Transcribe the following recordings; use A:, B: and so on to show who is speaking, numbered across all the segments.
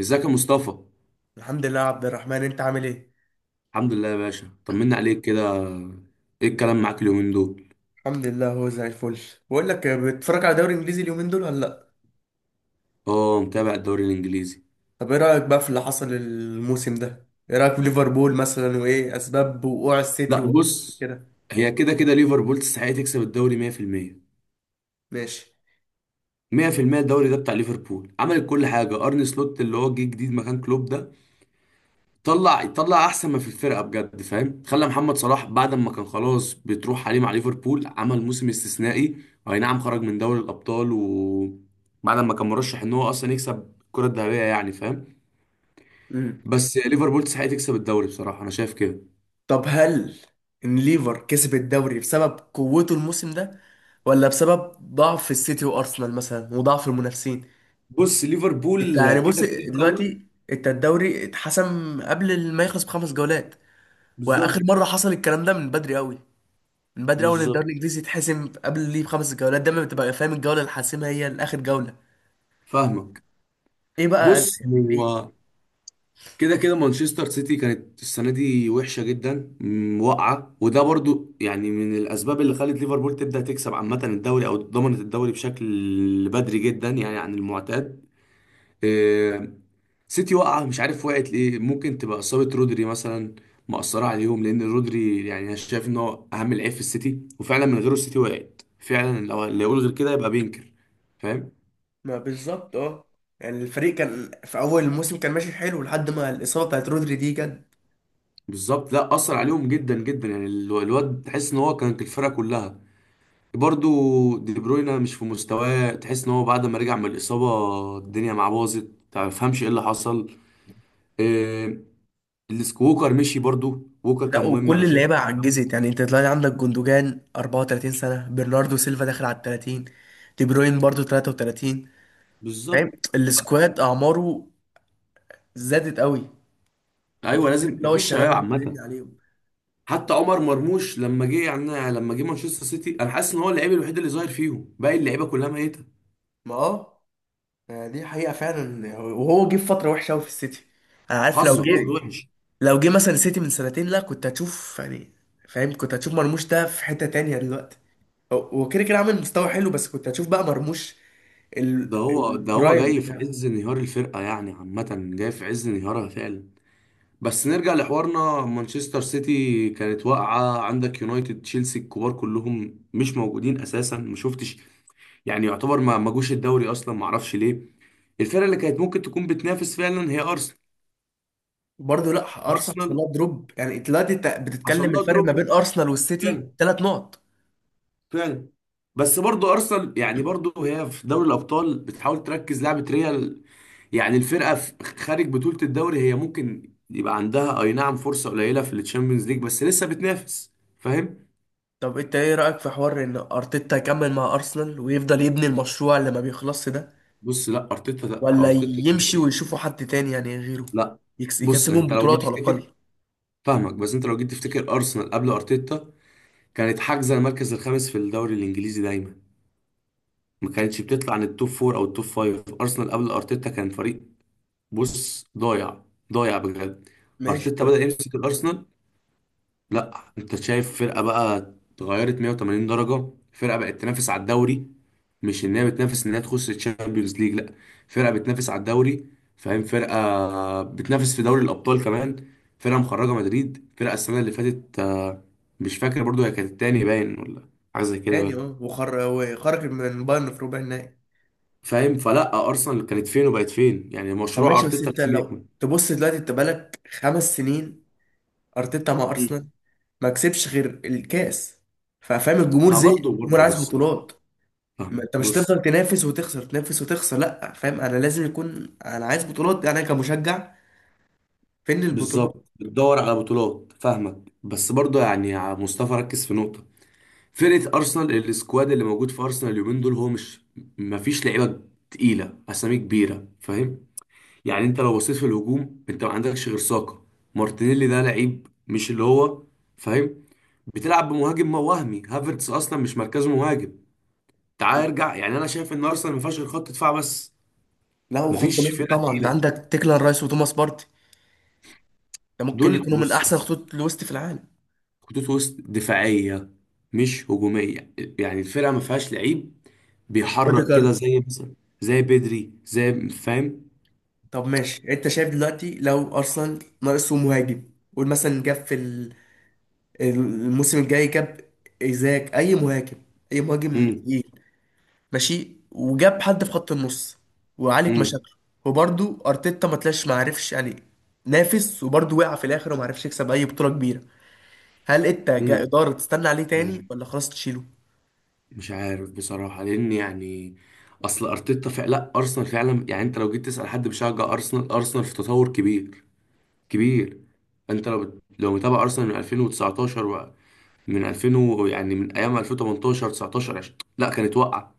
A: ازيك يا مصطفى؟
B: الحمد لله يا عبد الرحمن، انت عامل ايه؟
A: الحمد لله يا باشا، طمنا عليك كده. ايه الكلام معاك اليومين دول؟
B: الحمد لله، هو زي الفل. بقول لك، بتتفرج على دوري انجليزي اليومين دول ولا لا؟
A: اه، متابع الدوري الانجليزي.
B: طب ايه رايك بقى في اللي حصل الموسم ده؟ ايه رايك في ليفربول مثلا، وايه اسباب وقوع السيتي
A: لا
B: وارسنال
A: بص،
B: كده؟
A: هي كده كده ليفربول تستحق تكسب الدوري 100%.
B: ماشي.
A: 100% الدوري ده بتاع ليفربول، عملت كل حاجه. ارني سلوت اللي هو جه جديد مكان كلوب ده طلع احسن ما في الفرقه بجد، فاهم؟ خلى محمد صلاح بعد ما كان خلاص بتروح عليه مع ليفربول عمل موسم استثنائي. اي نعم خرج من دوري الابطال بعد ما كان مرشح ان هو اصلا يكسب الكره الذهبيه، يعني فاهم.
B: امم
A: بس ليفربول تستحق تكسب الدوري، بصراحه انا شايف كده.
B: طب هل ان ليفر كسب الدوري بسبب قوته الموسم ده، ولا بسبب ضعف السيتي وارسنال مثلا وضعف المنافسين؟
A: بص
B: انت
A: ليفربول
B: يعني
A: كده
B: بص،
A: كده قوي.
B: دلوقتي انت الدوري اتحسم قبل ما يخلص بخمس جولات. واخر
A: بالظبط.
B: مره حصل الكلام ده من بدري قوي، من بدري. اول الدوري
A: بالظبط
B: الانجليزي يتحسم قبل ليه بخمس جولات؟ دايما بتبقى فاهم الجوله اللي حاسمها هي الاخر جوله.
A: فاهمك.
B: ايه بقى
A: بص
B: يعني ليه؟
A: هو كده كده مانشستر سيتي كانت السنه دي وحشه جدا، واقعه، وده برضو يعني من الاسباب اللي خلت ليفربول تبدا تكسب عامه الدوري او ضمنت الدوري بشكل بدري جدا يعني عن المعتاد. آه، سيتي واقعه، مش عارف وقعت ليه، ممكن تبقى اصابه رودري مثلا مأثره عليهم، لان رودري يعني انا شايف ان هو اهم لعيب في السيتي، وفعلا من غيره السيتي وقعت فعلا، لو اللي يقول غير كده يبقى بينكر، فاهم؟
B: ما بالظبط اه، يعني الفريق كان في اول الموسم كان ماشي حلو، لحد ما الاصابه بتاعت رودري دي جت.
A: بالظبط، لا اثر عليهم جدا جدا، يعني الواد تحس ان هو كان في الفرقه كلها. برضو دي بروينا مش في مستواه، تحس ان هو بعد ما رجع من الاصابه الدنيا معاه باظت، ما تفهمش ايه اللي حصل. إيه ووكر مشي، برضو ووكر
B: لا
A: كان مهم، انا
B: وكل
A: شايف إن
B: اللعيبه
A: هو كان مهم.
B: عجزت، يعني انت تلاقي عندك جوندوجان 34 سنه، برناردو سيلفا داخل على ال 30، دي بروين برضو 33.
A: بالظبط.
B: فاهم؟ السكواد اعماره زادت قوي.
A: ايوه
B: مفيش كلام،
A: لازم،
B: اللي هو
A: مفيش شباب
B: الشباب اللي اتكلمنا
A: عامه.
B: عليهم.
A: حتى عمر مرموش لما جه، يعني لما جه مانشستر سيتي، انا حاسس ان هو اللعيب الوحيد اللي ظاهر فيهم، باقي اللعيبه كلها ميته.
B: ما اه، دي حقيقة فعلا، وهو جه في فترة وحشة أوي في السيتي. أنا عارف لو
A: حظه
B: جه،
A: وحش.
B: لو جه مثلا السيتي من سنتين، لا كنت هتشوف يعني، فاهم، كنت هتشوف مرموش ده في حتة تانية دلوقتي. هو كده كده عامل مستوى حلو، بس كنت هتشوف بقى مرموش
A: ده هو ده هو
B: البرايم
A: جاي في
B: بتاعه.
A: عز انهيار الفرقه، يعني عامه جاي في عز انهيارها فعلا. بس نرجع لحوارنا، مانشستر سيتي كانت واقعه، عندك يونايتد، تشيلسي، الكبار كلهم مش موجودين اساسا، ما شفتش يعني، يعتبر ما جوش الدوري اصلا، ما اعرفش ليه. الفرقه اللي كانت ممكن تكون بتنافس فعلا هي ارسنال.
B: برضه لا، أرسنال
A: ارسنال
B: حصل لها دروب. يعني دلوقتي أنت
A: حصل
B: بتتكلم
A: لها
B: الفرق ما
A: دروب
B: بين أرسنال والسيتي
A: فعلا،
B: ثلاث نقط.
A: فعلا. بس برضو ارسنال يعني برضو هي في دوري الابطال بتحاول تركز لعبه ريال، يعني الفرقه في خارج بطوله الدوري هي ممكن يبقى عندها اي نعم فرصه قليله في الشامبيونز ليج، بس لسه بتنافس، فاهم؟
B: طب أنت إيه رأيك في حوار إن أرتيتا يكمل مع أرسنال، ويفضل يبني المشروع اللي ما بيخلصش ده،
A: بص لا ارتيتا، لا
B: ولا
A: ارتيتا.
B: يمشي ويشوفوا حد تاني يعني غيره؟
A: لا، بص
B: يكسبهم
A: انت لو جيت
B: بطولات على الأقل.
A: تفتكر، فاهمك، بس انت لو جيت تفتكر ارسنال قبل ارتيتا كانت حاجزه المركز الخامس في الدوري الانجليزي دايما، ما كانتش بتطلع عن التوب فور او التوب فايف. ارسنال قبل ارتيتا كان فريق، بص، ضايع، ضايع بجد.
B: ماشي
A: ارتيتا
B: طب.
A: بدأ يمسك الارسنال، لا انت شايف فرقه بقى، اتغيرت 180 درجه، فرقه بقت تنافس على الدوري، مش ان هي بتنافس ان هي تخش الشامبيونز ليج، لا، فرقه بتنافس على الدوري، فاهم؟ فرقه بتنافس في دوري الابطال كمان، فرقه مخرجه مدريد، فرقه السنه اللي فاتت، مش فاكر، برضو هي كانت التاني باين، ولا حاجه زي كده،
B: تاني
A: باين.
B: اه، وخر وخرج من بايرن في ربع النهائي.
A: فاهم، فلا ارسنال كانت فين وبقت فين، يعني
B: طب
A: مشروع
B: ماشي، بس
A: ارتيتا
B: انت
A: لازم
B: لو
A: يكمل.
B: تبص دلوقتي، انت بقالك خمس سنين ارتيتا مع
A: مم.
B: ارسنال، ما كسبش غير الكاس. ففاهم الجمهور
A: ما
B: زي،
A: برضه،
B: الجمهور
A: برضه،
B: عايز
A: بص،
B: بطولات. ما
A: فاهمك،
B: انت مش
A: بص.
B: هتفضل تنافس وتخسر، تنافس وتخسر، لا فاهم، انا لازم يكون، انا عايز بطولات انا كمشجع. فين البطولات؟
A: بالظبط بتدور على بطولات، فاهمك، بس برضه يعني يا مصطفى ركز في نقطة، فرقة أرسنال، السكواد اللي موجود في أرسنال اليومين دول هو مش، مفيش لعيبة تقيلة، أسامي كبيرة، فاهم؟ يعني أنت لو بصيت في الهجوم أنت ما عندكش غير ساكا. مارتينيلي ده لعيب مش اللي هو، فاهم؟ بتلعب بمهاجم ما وهمي، هافرتس أصلا مش مركزه مهاجم. تعال ارجع، يعني أنا شايف إن أرسنال ما فيهاش غير خط دفاع بس،
B: لا وخط
A: مفيش
B: نص
A: فرقة
B: طبعا، انت
A: تقيلة.
B: عندك تيكلان رايس وتوماس بارتي، ده ممكن
A: دول،
B: يكونوا من
A: بص،
B: احسن
A: بص،
B: خطوط الوسط في العالم.
A: خطوط وسط دفاعية، مش هجومية، يعني الفرقة ما فيهاش لعيب بيحرك كده
B: اوديجارد.
A: زي مثلا، زي بدري زي، فاهم؟
B: طب ماشي، انت شايف دلوقتي لو ارسنال ناقصه مهاجم، قول مثلا جاب في الموسم الجاي جاب ايزاك، اي مهاجم، اي مهاجم
A: امم
B: تقيل، ماشي، وجاب حد في خط النص وعالج
A: امم
B: مشاكله، وبرده ارتيتا ما طلعش، ما عرفش يعني، نافس وبرده وقع في الاخر وما عرفش يكسب اي بطولة كبيرة، هل انت
A: امم
B: كإدارة تستنى عليه تاني ولا خلاص تشيله؟
A: مش عارف بصراحة، لأن يعني أصل أرتيتا فعلا، لا أرسنال فعلا، يعني أنت لو جيت تسأل حد بيشجع أرسنال، أرسنال في تطور كبير، كبير. أنت لو لو متابع أرسنال من 2019 من 2000 يعني من أيام 2018 19 20، لا كانت واقعة.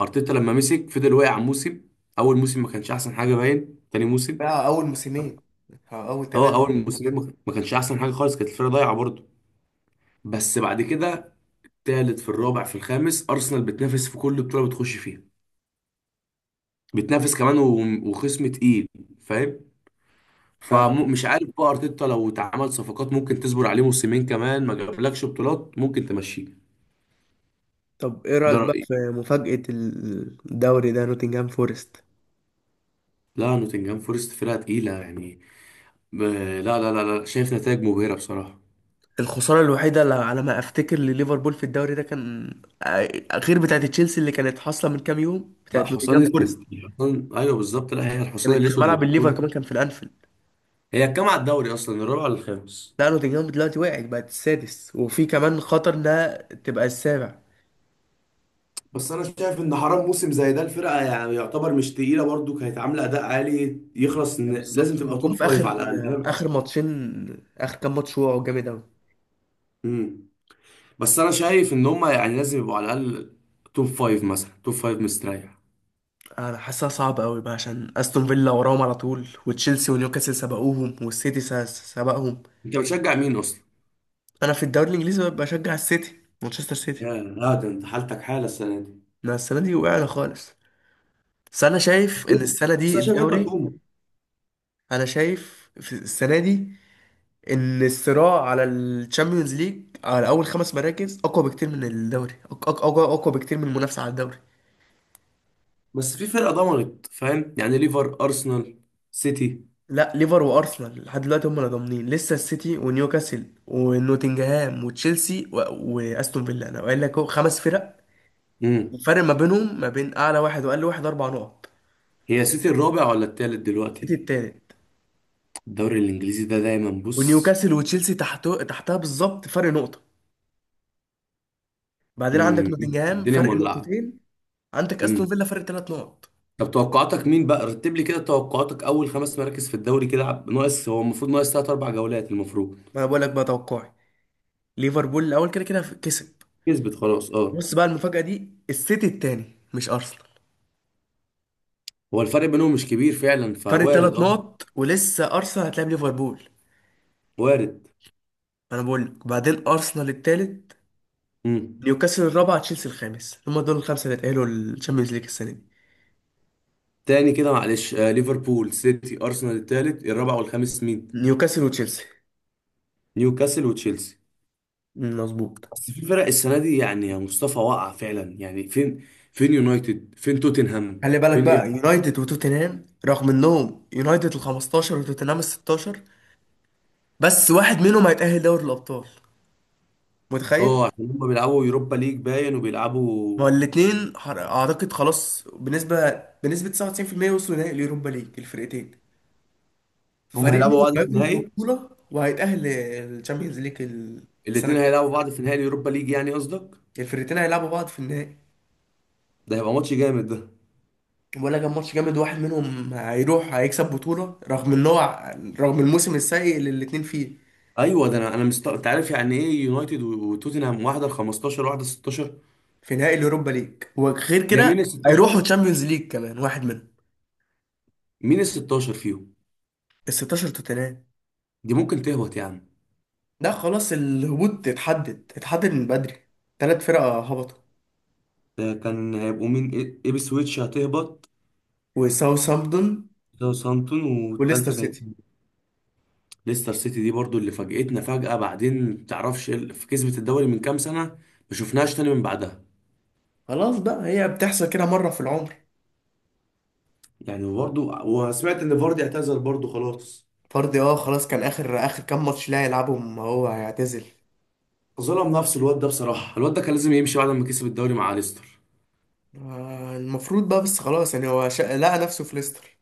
A: ارتيتا لما مسك فضل واقع موسم، اول موسم ما كانش احسن حاجه، باين، تاني موسم،
B: بقى اول موسمين أو اول
A: هو
B: ثلاثة.
A: اول موسمين ما كانش احسن حاجه خالص، كانت الفرقه ضايعه برضه. بس بعد كده تالت، في الرابع، في الخامس، ارسنال بتنافس في كل بطوله بتخش فيها، بتنافس كمان وخصم تقيل، فاهم؟
B: فاهمك.
A: فمش عارف بقى، ارتيتا لو اتعمل صفقات ممكن تصبر عليه موسمين كمان، ما جابلكش بطولات ممكن تمشيه.
B: طب ايه
A: ده
B: رأيك بقى
A: رايي.
B: في مفاجأة الدوري ده، نوتنجهام فورست؟
A: لا نوتنجهام فورست فرقه تقيله يعني، ب- لا، لا، لا، لا، شايف نتائج مبهره بصراحه.
B: الخسارة الوحيدة اللي على ما افتكر لليفربول في الدوري ده كان، آه، غير بتاعة تشيلسي اللي كانت حاصلة من كام يوم،
A: لا
B: بتاعة
A: حصان
B: نوتنجهام فورست.
A: اسود، حصان، ايوه بالظبط، لا هي الحصان
B: كانت في
A: الاسود
B: ملعب الليفر
A: للبطوله.
B: كمان، كان في الانفيلد.
A: هي كام على الدوري اصلا، الرابع ولا الخامس؟
B: لا نوتنجهام دلوقتي وقعت، بقت السادس، وفي كمان خطر انها تبقى السابع.
A: بس انا شايف ان حرام موسم زي ده، الفرقه يعني يعتبر مش تقيله برضو كانت عامله اداء عالي، يخلص ان لازم
B: بالظبط، هم
A: تبقى
B: جم
A: توب
B: في
A: فايف
B: اخر
A: على الاقل.
B: اخر ماتشين اخر كام ماتش وقعوا جامد قوي.
A: امم. بس انا شايف ان هم يعني لازم يبقوا على الاقل توب فايف، مثلا توب فايف مستريح.
B: انا حاسسها صعبه قوي بقى، عشان استون فيلا وراهم على طول، وتشيلسي ونيوكاسل سبقوهم، والسيتي سبقهم.
A: انت بتشجع مين اصلا؟
B: انا في الدوري الانجليزي بشجع السيتي، مانشستر سيتي.
A: يا لا، ده انت حالتك حاله السنه دي.
B: انا السنه دي وقعنا خالص، بس انا شايف ان
A: هجوم.
B: السنه
A: بس
B: دي
A: انا شايف انتوا
B: الدوري،
A: هتقوموا.
B: انا شايف في السنه دي ان الصراع على الشامبيونز ليج على اول خمس مراكز اقوى بكتير من الدوري، اقوى اقوى بكتير من المنافسه على الدوري.
A: بس في فرقه ضمنت، فاهم يعني، ليفر، ارسنال، سيتي.
B: لا ليفر وارسنال لحد دلوقتي هم اللي ضامنين لسه، السيتي ونيوكاسل ونوتنجهام وتشيلسي واستون فيلا، انا قايل لك أهو خمس فرق.
A: امم.
B: الفرق ما بينهم ما بين اعلى واحد واقل واحد اربع نقط.
A: هي سيتي الرابع ولا التالت
B: السيتي
A: دلوقتي؟
B: التالت،
A: الدوري الانجليزي ده دايما، بص.
B: ونيوكاسل وتشيلسي تحته تحتها بالظبط فرق نقطة، بعدين عندك
A: مم.
B: نوتنجهام
A: الدنيا
B: فرق
A: مولعه.
B: نقطتين، عندك
A: مم.
B: استون فيلا فرق ثلاث نقط.
A: طب توقعاتك مين بقى؟ رتب لي كده توقعاتك اول خمس مراكز في الدوري، كده ناقص، هو المفروض ناقص ثلاث اربع جولات المفروض.
B: ما انا بقول لك بقى توقعي، ليفربول الاول كده كده كسب،
A: كسبت خلاص اه.
B: بص بقى المفاجأة دي، السيتي التاني مش ارسنال،
A: هو الفرق بينهم مش كبير فعلا،
B: فرق
A: فوارد
B: ثلاث
A: اه.
B: نقط ولسه ارسنال هتلاعب ليفربول.
A: وارد.
B: انا بقول لك، بعدين ارسنال التالت،
A: مم.
B: نيوكاسل الرابع، تشيلسي الخامس، هما دول الخمسة اللي اتأهلوا للتشامبيونز ليج السنة دي.
A: تاني كده معلش، آه ليفربول، سيتي، ارسنال التالت، الرابع والخامس مين؟
B: نيوكاسل وتشيلسي.
A: نيوكاسل وتشيلسي.
B: مظبوط.
A: بس في فرق السنه دي، يعني يا مصطفى، واقعه فعلا، يعني فين، فين يونايتد، فين توتنهام،
B: خلي بالك
A: فين؟
B: بقى، يونايتد وتوتنهام رغم انهم يونايتد ال 15 وتوتنهام ال 16، بس واحد منهم هيتأهل دوري الأبطال، متخيل؟
A: اه عشان هم بيلعبوا يوروبا ليج باين،
B: ما
A: وبيلعبوا.
B: هو الاتنين أعتقد خلاص بنسبة 99% وصلوا نهائي اليوروبا ليج الفرقتين،
A: هم
B: ففريق
A: هيلعبوا
B: منهم
A: بعض في
B: هيخرج
A: النهائي؟
B: ببطولة وهيتأهل للشامبيونز ليج السنة
A: الاثنين
B: الجاية.
A: هيلعبوا بعض في نهائي اليوروبا ليج يعني قصدك؟
B: الفرقتين هيلعبوا بعض في النهائي،
A: ده هيبقى ماتش جامد ده.
B: ولا كان ماتش جامد، واحد منهم هيروح هيكسب بطولة، رغم ان هو، رغم الموسم السيء اللي الاتنين فيه،
A: ايوه، ده انا انت عارف يعني ايه، يونايتد وتوتنهام، واحده ال 15 واحده ال 16.
B: في نهائي اليوروبا ليج، وغير
A: هي مين ال
B: كده هيروحوا
A: 16،
B: تشامبيونز ليج كمان واحد منهم.
A: مين ال 16 فيهم؟
B: ال 16 توتنهام.
A: دي ممكن تهبط يا عم.
B: ده خلاص الهبوط اتحدد من بدري، ثلاث فرق هبطوا،
A: ده كان هيبقوا مين؟ ايبسويتش هتهبط،
B: وساوثهامبتون
A: ساوثهامبتون
B: وليستر
A: والتالتة كانت،
B: سيتي.
A: ليستر سيتي. دي برضو اللي فاجئتنا فجأة، بعدين متعرفش في كسبة الدوري من كام سنة، ما شفناهاش تاني من بعدها.
B: خلاص بقى، هي بتحصل كده مرة في العمر.
A: يعني برضه وسمعت ان فاردي اعتزل برضه خلاص.
B: فاردي اه، خلاص كان اخر كام ماتش لا يلعبهم هو هيعتزل.
A: ظلم نفسه الواد ده بصراحه، الواد ده كان لازم يمشي بعد ما كسب الدوري مع ليستر.
B: المفروض بقى، بس خلاص يعني هو لقى نفسه في ليستر.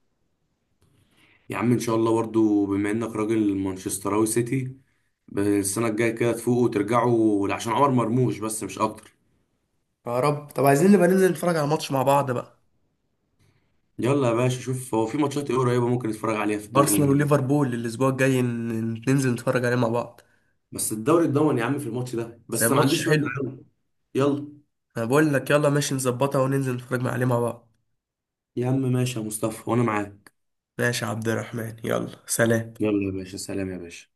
A: يا عم ان شاء الله، برضه بما انك راجل مانشستراوي سيتي، السنه الجايه كده تفوقوا وترجعوا عشان عمر مرموش، بس مش اكتر.
B: يا رب. طب عايزين نبقى ننزل نتفرج على ماتش مع بعض بقى.
A: يلا يا باشا، شوف هو في ماتشات ايه قريبه ممكن نتفرج عليها في الدوري
B: ارسنال
A: الانجليزي.
B: وليفربول الاسبوع الجاي، ننزل نتفرج عليه مع بعض،
A: بس الدوري اتضمن يا عم في الماتش ده،
B: بس
A: بس ما
B: الماتش
A: عنديش مانع،
B: حلو.
A: يلا. يلا
B: انا بقول لك يلا، ماشي، نظبطها وننزل نتفرج عليه مع بعض.
A: يا عم، ماشي يا مصطفى، وانا معاك.
B: ماشي يا عبد الرحمن، يلا سلام.
A: يلا يا باشا، سلام يا باشا.